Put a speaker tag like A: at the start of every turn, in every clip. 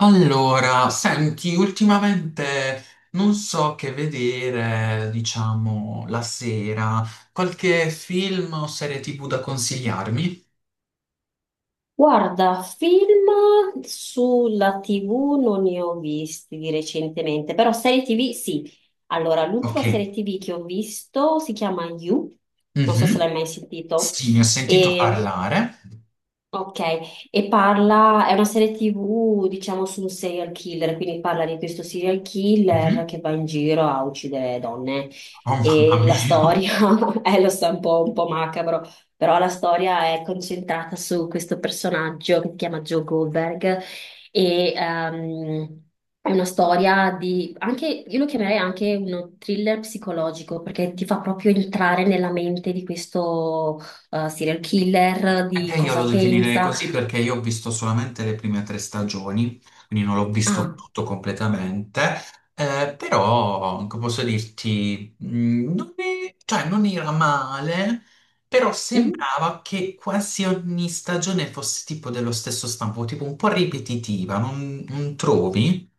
A: Allora, senti, ultimamente non so che vedere, diciamo, la sera. Qualche film o serie TV da consigliarmi?
B: Guarda, film sulla TV non ne ho visti di recentemente, però serie TV sì. Allora, l'ultima
A: Ok.
B: serie TV che ho visto si chiama You, non so se
A: Mhm.
B: l'hai mai sentito.
A: Sì, ne ho sentito parlare.
B: Ok, e parla, è una serie TV, diciamo, su un serial killer, quindi parla di questo serial killer
A: Mhm.
B: che va in giro a uccidere donne.
A: Oh mamma
B: E la
A: mia.
B: storia, lo so, è un po' macabro, però la storia è concentrata su questo personaggio che si chiama Joe Goldberg e è una storia di, anche, io lo chiamerei anche uno thriller psicologico perché ti fa proprio entrare nella mente di questo serial killer, di
A: Anche io lo
B: cosa
A: definirei
B: pensa.
A: così perché io ho visto solamente le prime tre stagioni, quindi non l'ho visto
B: Ah,
A: tutto completamente, però come posso dirti, non è- cioè, non era male, però
B: mhm.
A: sembrava che quasi ogni stagione fosse tipo dello stesso stampo, tipo un po' ripetitiva, non trovi?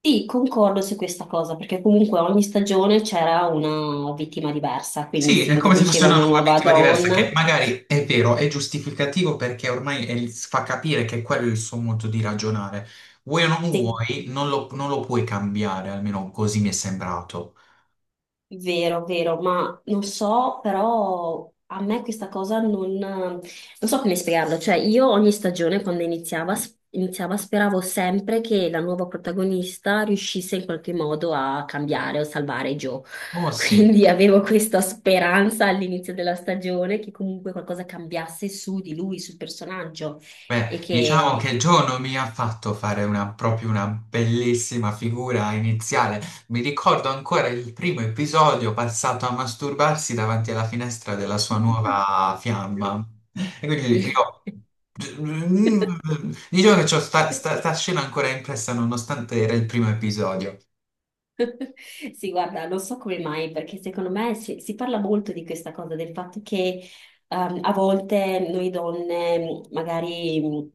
B: Sì, concordo su questa cosa, perché comunque ogni stagione c'era una vittima diversa, quindi
A: Sì,
B: si
A: è come se fosse
B: introduceva
A: una
B: una
A: nuova
B: nuova
A: obiettiva diversa,
B: donna.
A: che magari è vero, è giustificativo perché ormai fa capire che quello è il suo modo di ragionare. Vuoi o non
B: Sì.
A: vuoi, non lo puoi cambiare, almeno così mi è sembrato.
B: Vero, vero, ma non so, però a me questa cosa non so come spiegarlo. Cioè, io ogni stagione, quando iniziava, iniziava, speravo sempre che la nuova protagonista riuscisse in qualche modo a cambiare o salvare Joe.
A: Oh sì.
B: Quindi avevo questa speranza all'inizio della stagione che comunque qualcosa cambiasse su di lui, sul personaggio, e
A: Beh, diciamo
B: che
A: che Joe non mi ha fatto fare proprio una bellissima figura iniziale. Mi ricordo ancora il primo episodio passato a masturbarsi davanti alla finestra della sua nuova fiamma. E quindi io... Diciamo che
B: Sì.
A: sta scena ancora impressa nonostante era il primo episodio.
B: Sì, guarda, non so come mai, perché secondo me si parla molto di questa cosa, del fatto che a volte noi donne magari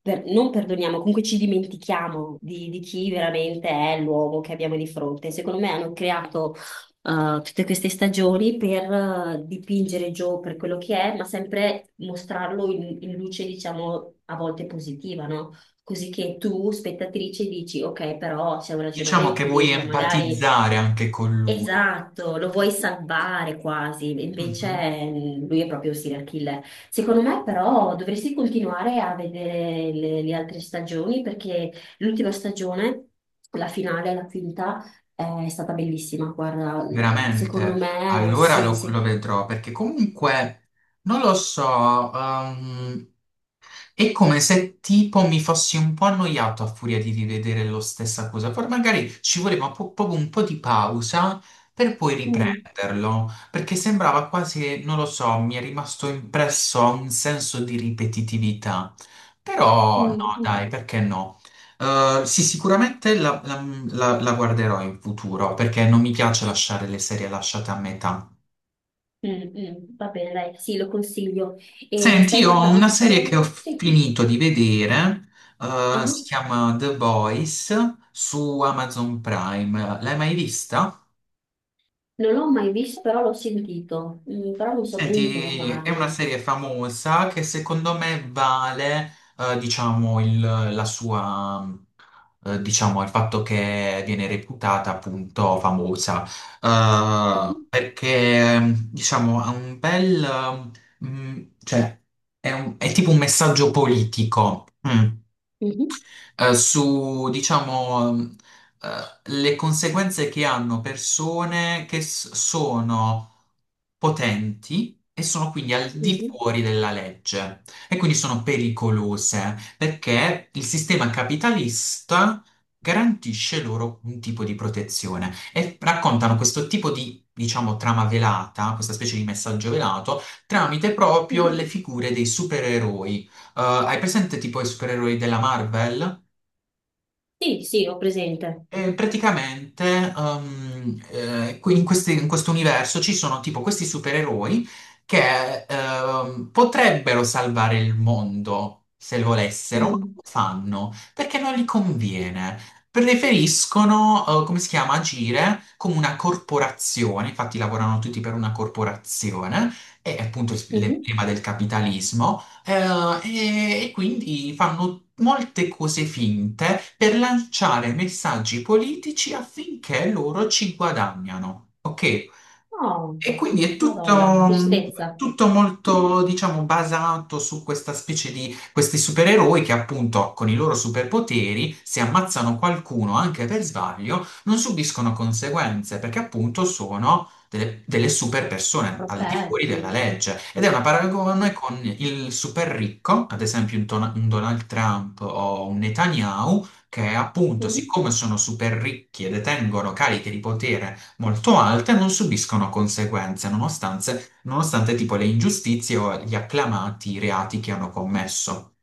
B: non perdoniamo, comunque ci dimentichiamo di chi veramente è l'uomo che abbiamo di fronte. Secondo me hanno creato tutte queste stagioni per dipingere Joe per quello che è, ma sempre mostrarlo in luce, diciamo, a volte positiva, no? Così che tu, spettatrice, dici, ok, però c'è un
A: Diciamo che
B: ragionamento
A: vuoi
B: dietro, magari
A: empatizzare anche con lui.
B: esatto, lo vuoi salvare quasi, invece
A: Mhm.
B: lui è proprio un serial killer. Secondo me, però, dovresti continuare a vedere le altre stagioni perché l'ultima stagione, la finale, la quinta, è stata bellissima. Guarda, secondo
A: Veramente,
B: me,
A: allora
B: sì,
A: lo vedrò perché comunque non lo so, è come se tipo mi fossi un po' annoiato a furia di rivedere lo stessa cosa. Poi magari ci voleva proprio un po' di pausa per poi
B: mm,
A: riprenderlo, perché sembrava quasi, non lo so, mi è rimasto impresso un senso di ripetitività.
B: mm,
A: Però no,
B: mm,
A: dai, perché no? Sì, sicuramente la guarderò in futuro perché non mi piace lasciare le serie lasciate a metà.
B: mm, mm, va bene, dai, sì, lo consiglio. E
A: Senti,
B: stai
A: io ho una
B: guardando?
A: serie che ho
B: Sì.
A: finito di vedere, si
B: Ah.
A: chiama The Voice su Amazon Prime. L'hai mai vista?
B: Non l'ho mai visto, però l'ho sentito. Mm, però non so bene di cosa
A: Senti, è una
B: parli.
A: serie famosa che secondo me vale, diciamo, la sua, diciamo, il fatto che viene reputata appunto famosa, Eh,
B: Mhm,
A: perché, diciamo, ha un bel, mm, cioè, è tipo un messaggio politico. Mm.
B: mhm,
A: Eh, su, diciamo, le conseguenze che hanno persone che sono potenti e sono quindi al di
B: mhm,
A: fuori della legge e quindi sono pericolose perché il sistema capitalista garantisce loro un tipo di protezione e raccontano questo tipo di, diciamo, trama velata, questa specie di messaggio velato, tramite proprio
B: mhm.
A: le figure dei supereroi. Hai presente tipo i supereroi della Marvel?
B: Sì, sì, ho presente.
A: E praticamente um, qui- in questi- in questo universo ci sono tipo questi supereroi che potrebbero salvare il mondo se volessero, ma non
B: Mm,
A: lo fanno perché non gli conviene. Preferiscono, come si chiama, agire come una corporazione, infatti lavorano tutti per una corporazione, è appunto
B: mhm.
A: l'emblema del capitalismo. E quindi fanno molte cose finte per lanciare messaggi politici affinché loro ci guadagnano. Ok?
B: Oh,
A: E quindi è tutto,
B: Madonna, che tristezza.
A: tutto molto, diciamo, basato su questa specie di questi supereroi che appunto con i loro superpoteri, se ammazzano qualcuno anche per sbaglio, non subiscono conseguenze perché appunto sono delle super persone al di fuori
B: Protetti.
A: della legge. Ed è una paragone con il super ricco, ad esempio un Donald Trump o un Netanyahu, che appunto,
B: Mhm.
A: siccome sono super ricchi e detengono cariche di potere molto alte non subiscono conseguenze, nonostante tipo le ingiustizie o gli acclamati reati che hanno commesso.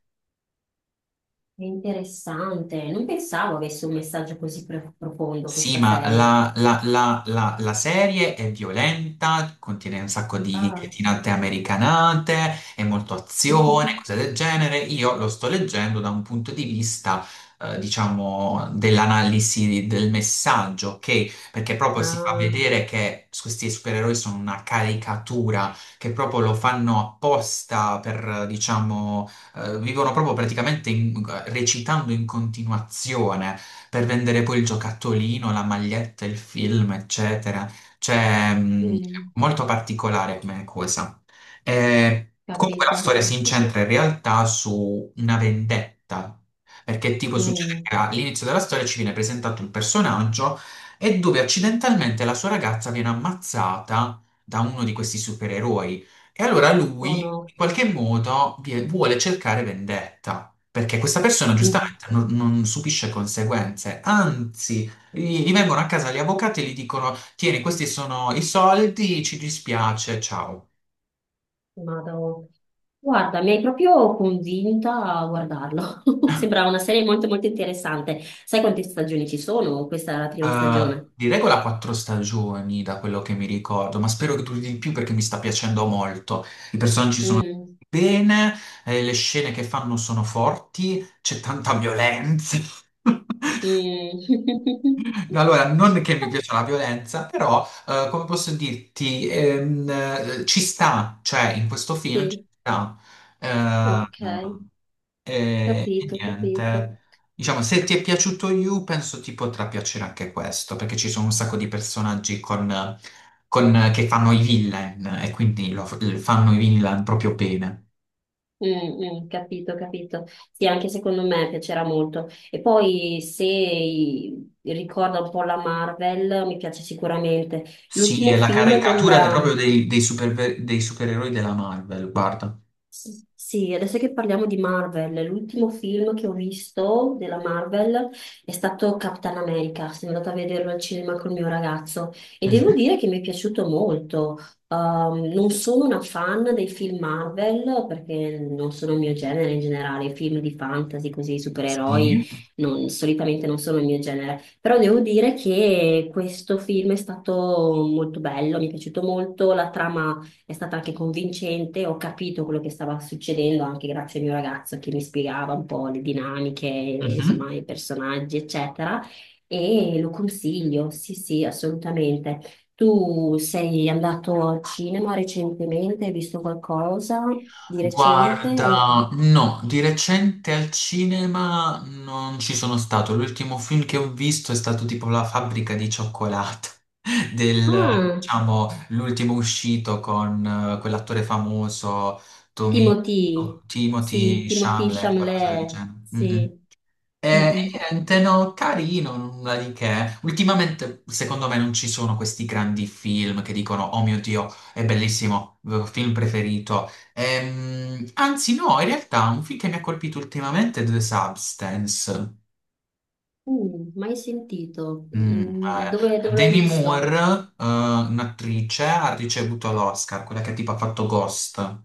B: È interessante. Non pensavo avesse un messaggio così profondo
A: Sì,
B: questa
A: ma
B: serie.
A: la serie è violenta, contiene un sacco di
B: Ah,
A: cretinate americanate, è molto azione, cose del genere. Io lo sto leggendo da un punto di vista, diciamo, dell'analisi del messaggio, ok? Perché proprio si fa
B: Ah,
A: vedere che questi supereroi sono una caricatura, che proprio lo fanno apposta per, diciamo, vivono proprio praticamente recitando in continuazione per vendere poi il giocattolino, la maglietta, il film, eccetera. Cioè,
B: mm,
A: molto particolare come cosa. Comunque la
B: capito.
A: storia si incentra in realtà su una vendetta. Perché tipo succede
B: Mm,
A: che all'inizio della storia ci viene presentato un personaggio e dove accidentalmente la sua ragazza viene ammazzata da uno di questi supereroi. E allora
B: Oh
A: lui,
B: no.
A: in qualche modo, vuole cercare vendetta. Perché questa persona
B: Mm.
A: giustamente non subisce conseguenze, anzi, gli vengono a casa gli avvocati e gli dicono: Tieni, questi sono i soldi, ci dispiace, ciao.
B: Vado. Guarda, mi hai proprio convinta a guardarlo. Sembrava una serie molto interessante. Sai quante stagioni ci sono? Questa è la prima stagione.
A: Di regola quattro stagioni da quello che mi ricordo, ma spero che duri di più perché mi sta piacendo molto. I personaggi sono
B: Mm.
A: bene, le scene che fanno sono forti, c'è tanta violenza.
B: Mm.
A: Allora, non che mi piaccia la violenza, però, come posso dirti, ci sta, cioè in questo film ci
B: Sì,
A: sta. Eh,
B: ok,
A: e
B: capito, capito.
A: niente, diciamo, se ti è piaciuto You, penso ti potrà piacere anche questo, perché ci sono un sacco di personaggi che fanno i villain e quindi fanno i villain proprio bene.
B: Mm, mm, capito, capito. Sì, anche secondo me piacerà molto. E poi se ricorda un po' la Marvel, mi piace sicuramente.
A: Sì, è
B: L'ultimo
A: la
B: film
A: caricatura
B: della
A: proprio dei dei supereroi della Marvel, guarda.
B: sì, sì, adesso che parliamo di Marvel, l'ultimo film che ho visto della Marvel è stato Capitan America. Sono andata a vederlo al cinema col mio ragazzo e devo
A: Mhm.
B: dire che mi è piaciuto molto. Non sono una fan dei film Marvel perché non sono il mio genere in generale, i film di fantasy, così, supereroi,
A: Sì.
B: solitamente non sono il mio genere. Però devo dire che questo film è stato molto bello, mi è piaciuto molto, la trama è stata anche convincente, ho capito quello che stava succedendo anche grazie al mio ragazzo che mi spiegava un po' le dinamiche,
A: Mhm.
B: insomma, i personaggi, eccetera. E lo consiglio, sì, sì, assolutamente. Tu sei andato al cinema recentemente? Hai visto qualcosa di recente? O-
A: Guarda, no, di recente al cinema non ci sono stato. L'ultimo film che ho visto è stato tipo La fabbrica di cioccolato, del,
B: Ah,
A: diciamo, l'ultimo uscito con quell'attore famoso, Tomi,
B: Timothy, sì,
A: Timothy
B: Timothy
A: Chalamet, qualcosa del
B: Chalamet,
A: genere. Mm,
B: sì.
A: mm.
B: Mm,
A: E
B: mm.
A: niente, no, carino, nulla di che. Ultimamente, secondo me, non ci sono questi grandi film che dicono: Oh mio Dio, è bellissimo, film preferito. Anzi, no, in realtà, un film che mi ha colpito ultimamente è The Substance.
B: Mm, mai sentito. Mm, dove, dove l'hai
A: Demi
B: visto?
A: Moore, un'attrice, ha ricevuto l'Oscar, quella che tipo ha fatto Ghost.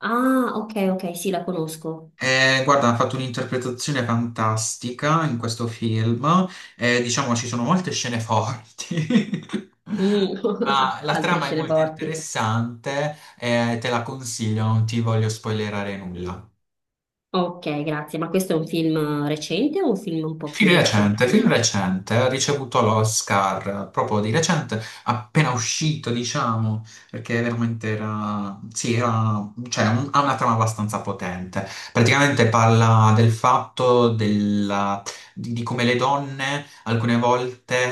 B: Ah, ok, ok, sì, la conosco.
A: Guarda, ha fatto un'interpretazione fantastica in questo film. Diciamo ci sono molte scene forti.
B: Mm,
A: Ma la
B: altre
A: trama è
B: scene
A: molto
B: forti.
A: interessante, te la consiglio, non ti voglio spoilerare nulla.
B: Ok, grazie. Ma questo è un film recente o un film un po' più vecchiotto?
A: Film recente, ha ricevuto l'Oscar proprio di recente, appena uscito, diciamo, perché veramente cioè, ha una trama abbastanza potente. Praticamente parla del fatto di come le donne alcune volte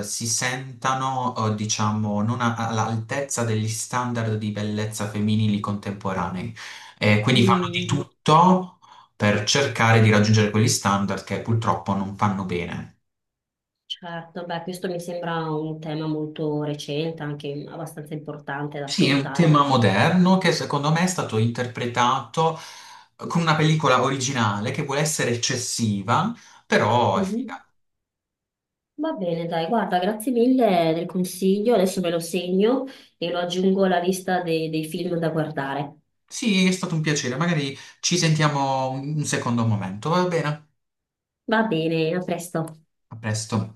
A: si sentano, diciamo, non a- all'altezza degli standard di bellezza femminili contemporanei. E quindi fanno di
B: Mm,
A: tutto per cercare di raggiungere quegli standard che purtroppo non fanno bene.
B: certo, beh, questo mi sembra un tema molto recente, anche abbastanza importante da
A: Sì, è un
B: affrontare.
A: tema moderno che secondo me è stato interpretato con una pellicola originale che vuole essere eccessiva, però è
B: Mhm.
A: figa.
B: Va bene, dai, guarda, grazie mille del consiglio. Adesso me lo segno e lo aggiungo alla lista dei film da guardare.
A: Sì, è stato un piacere, magari ci sentiamo un secondo momento, va bene?
B: Va bene, a presto.
A: A presto.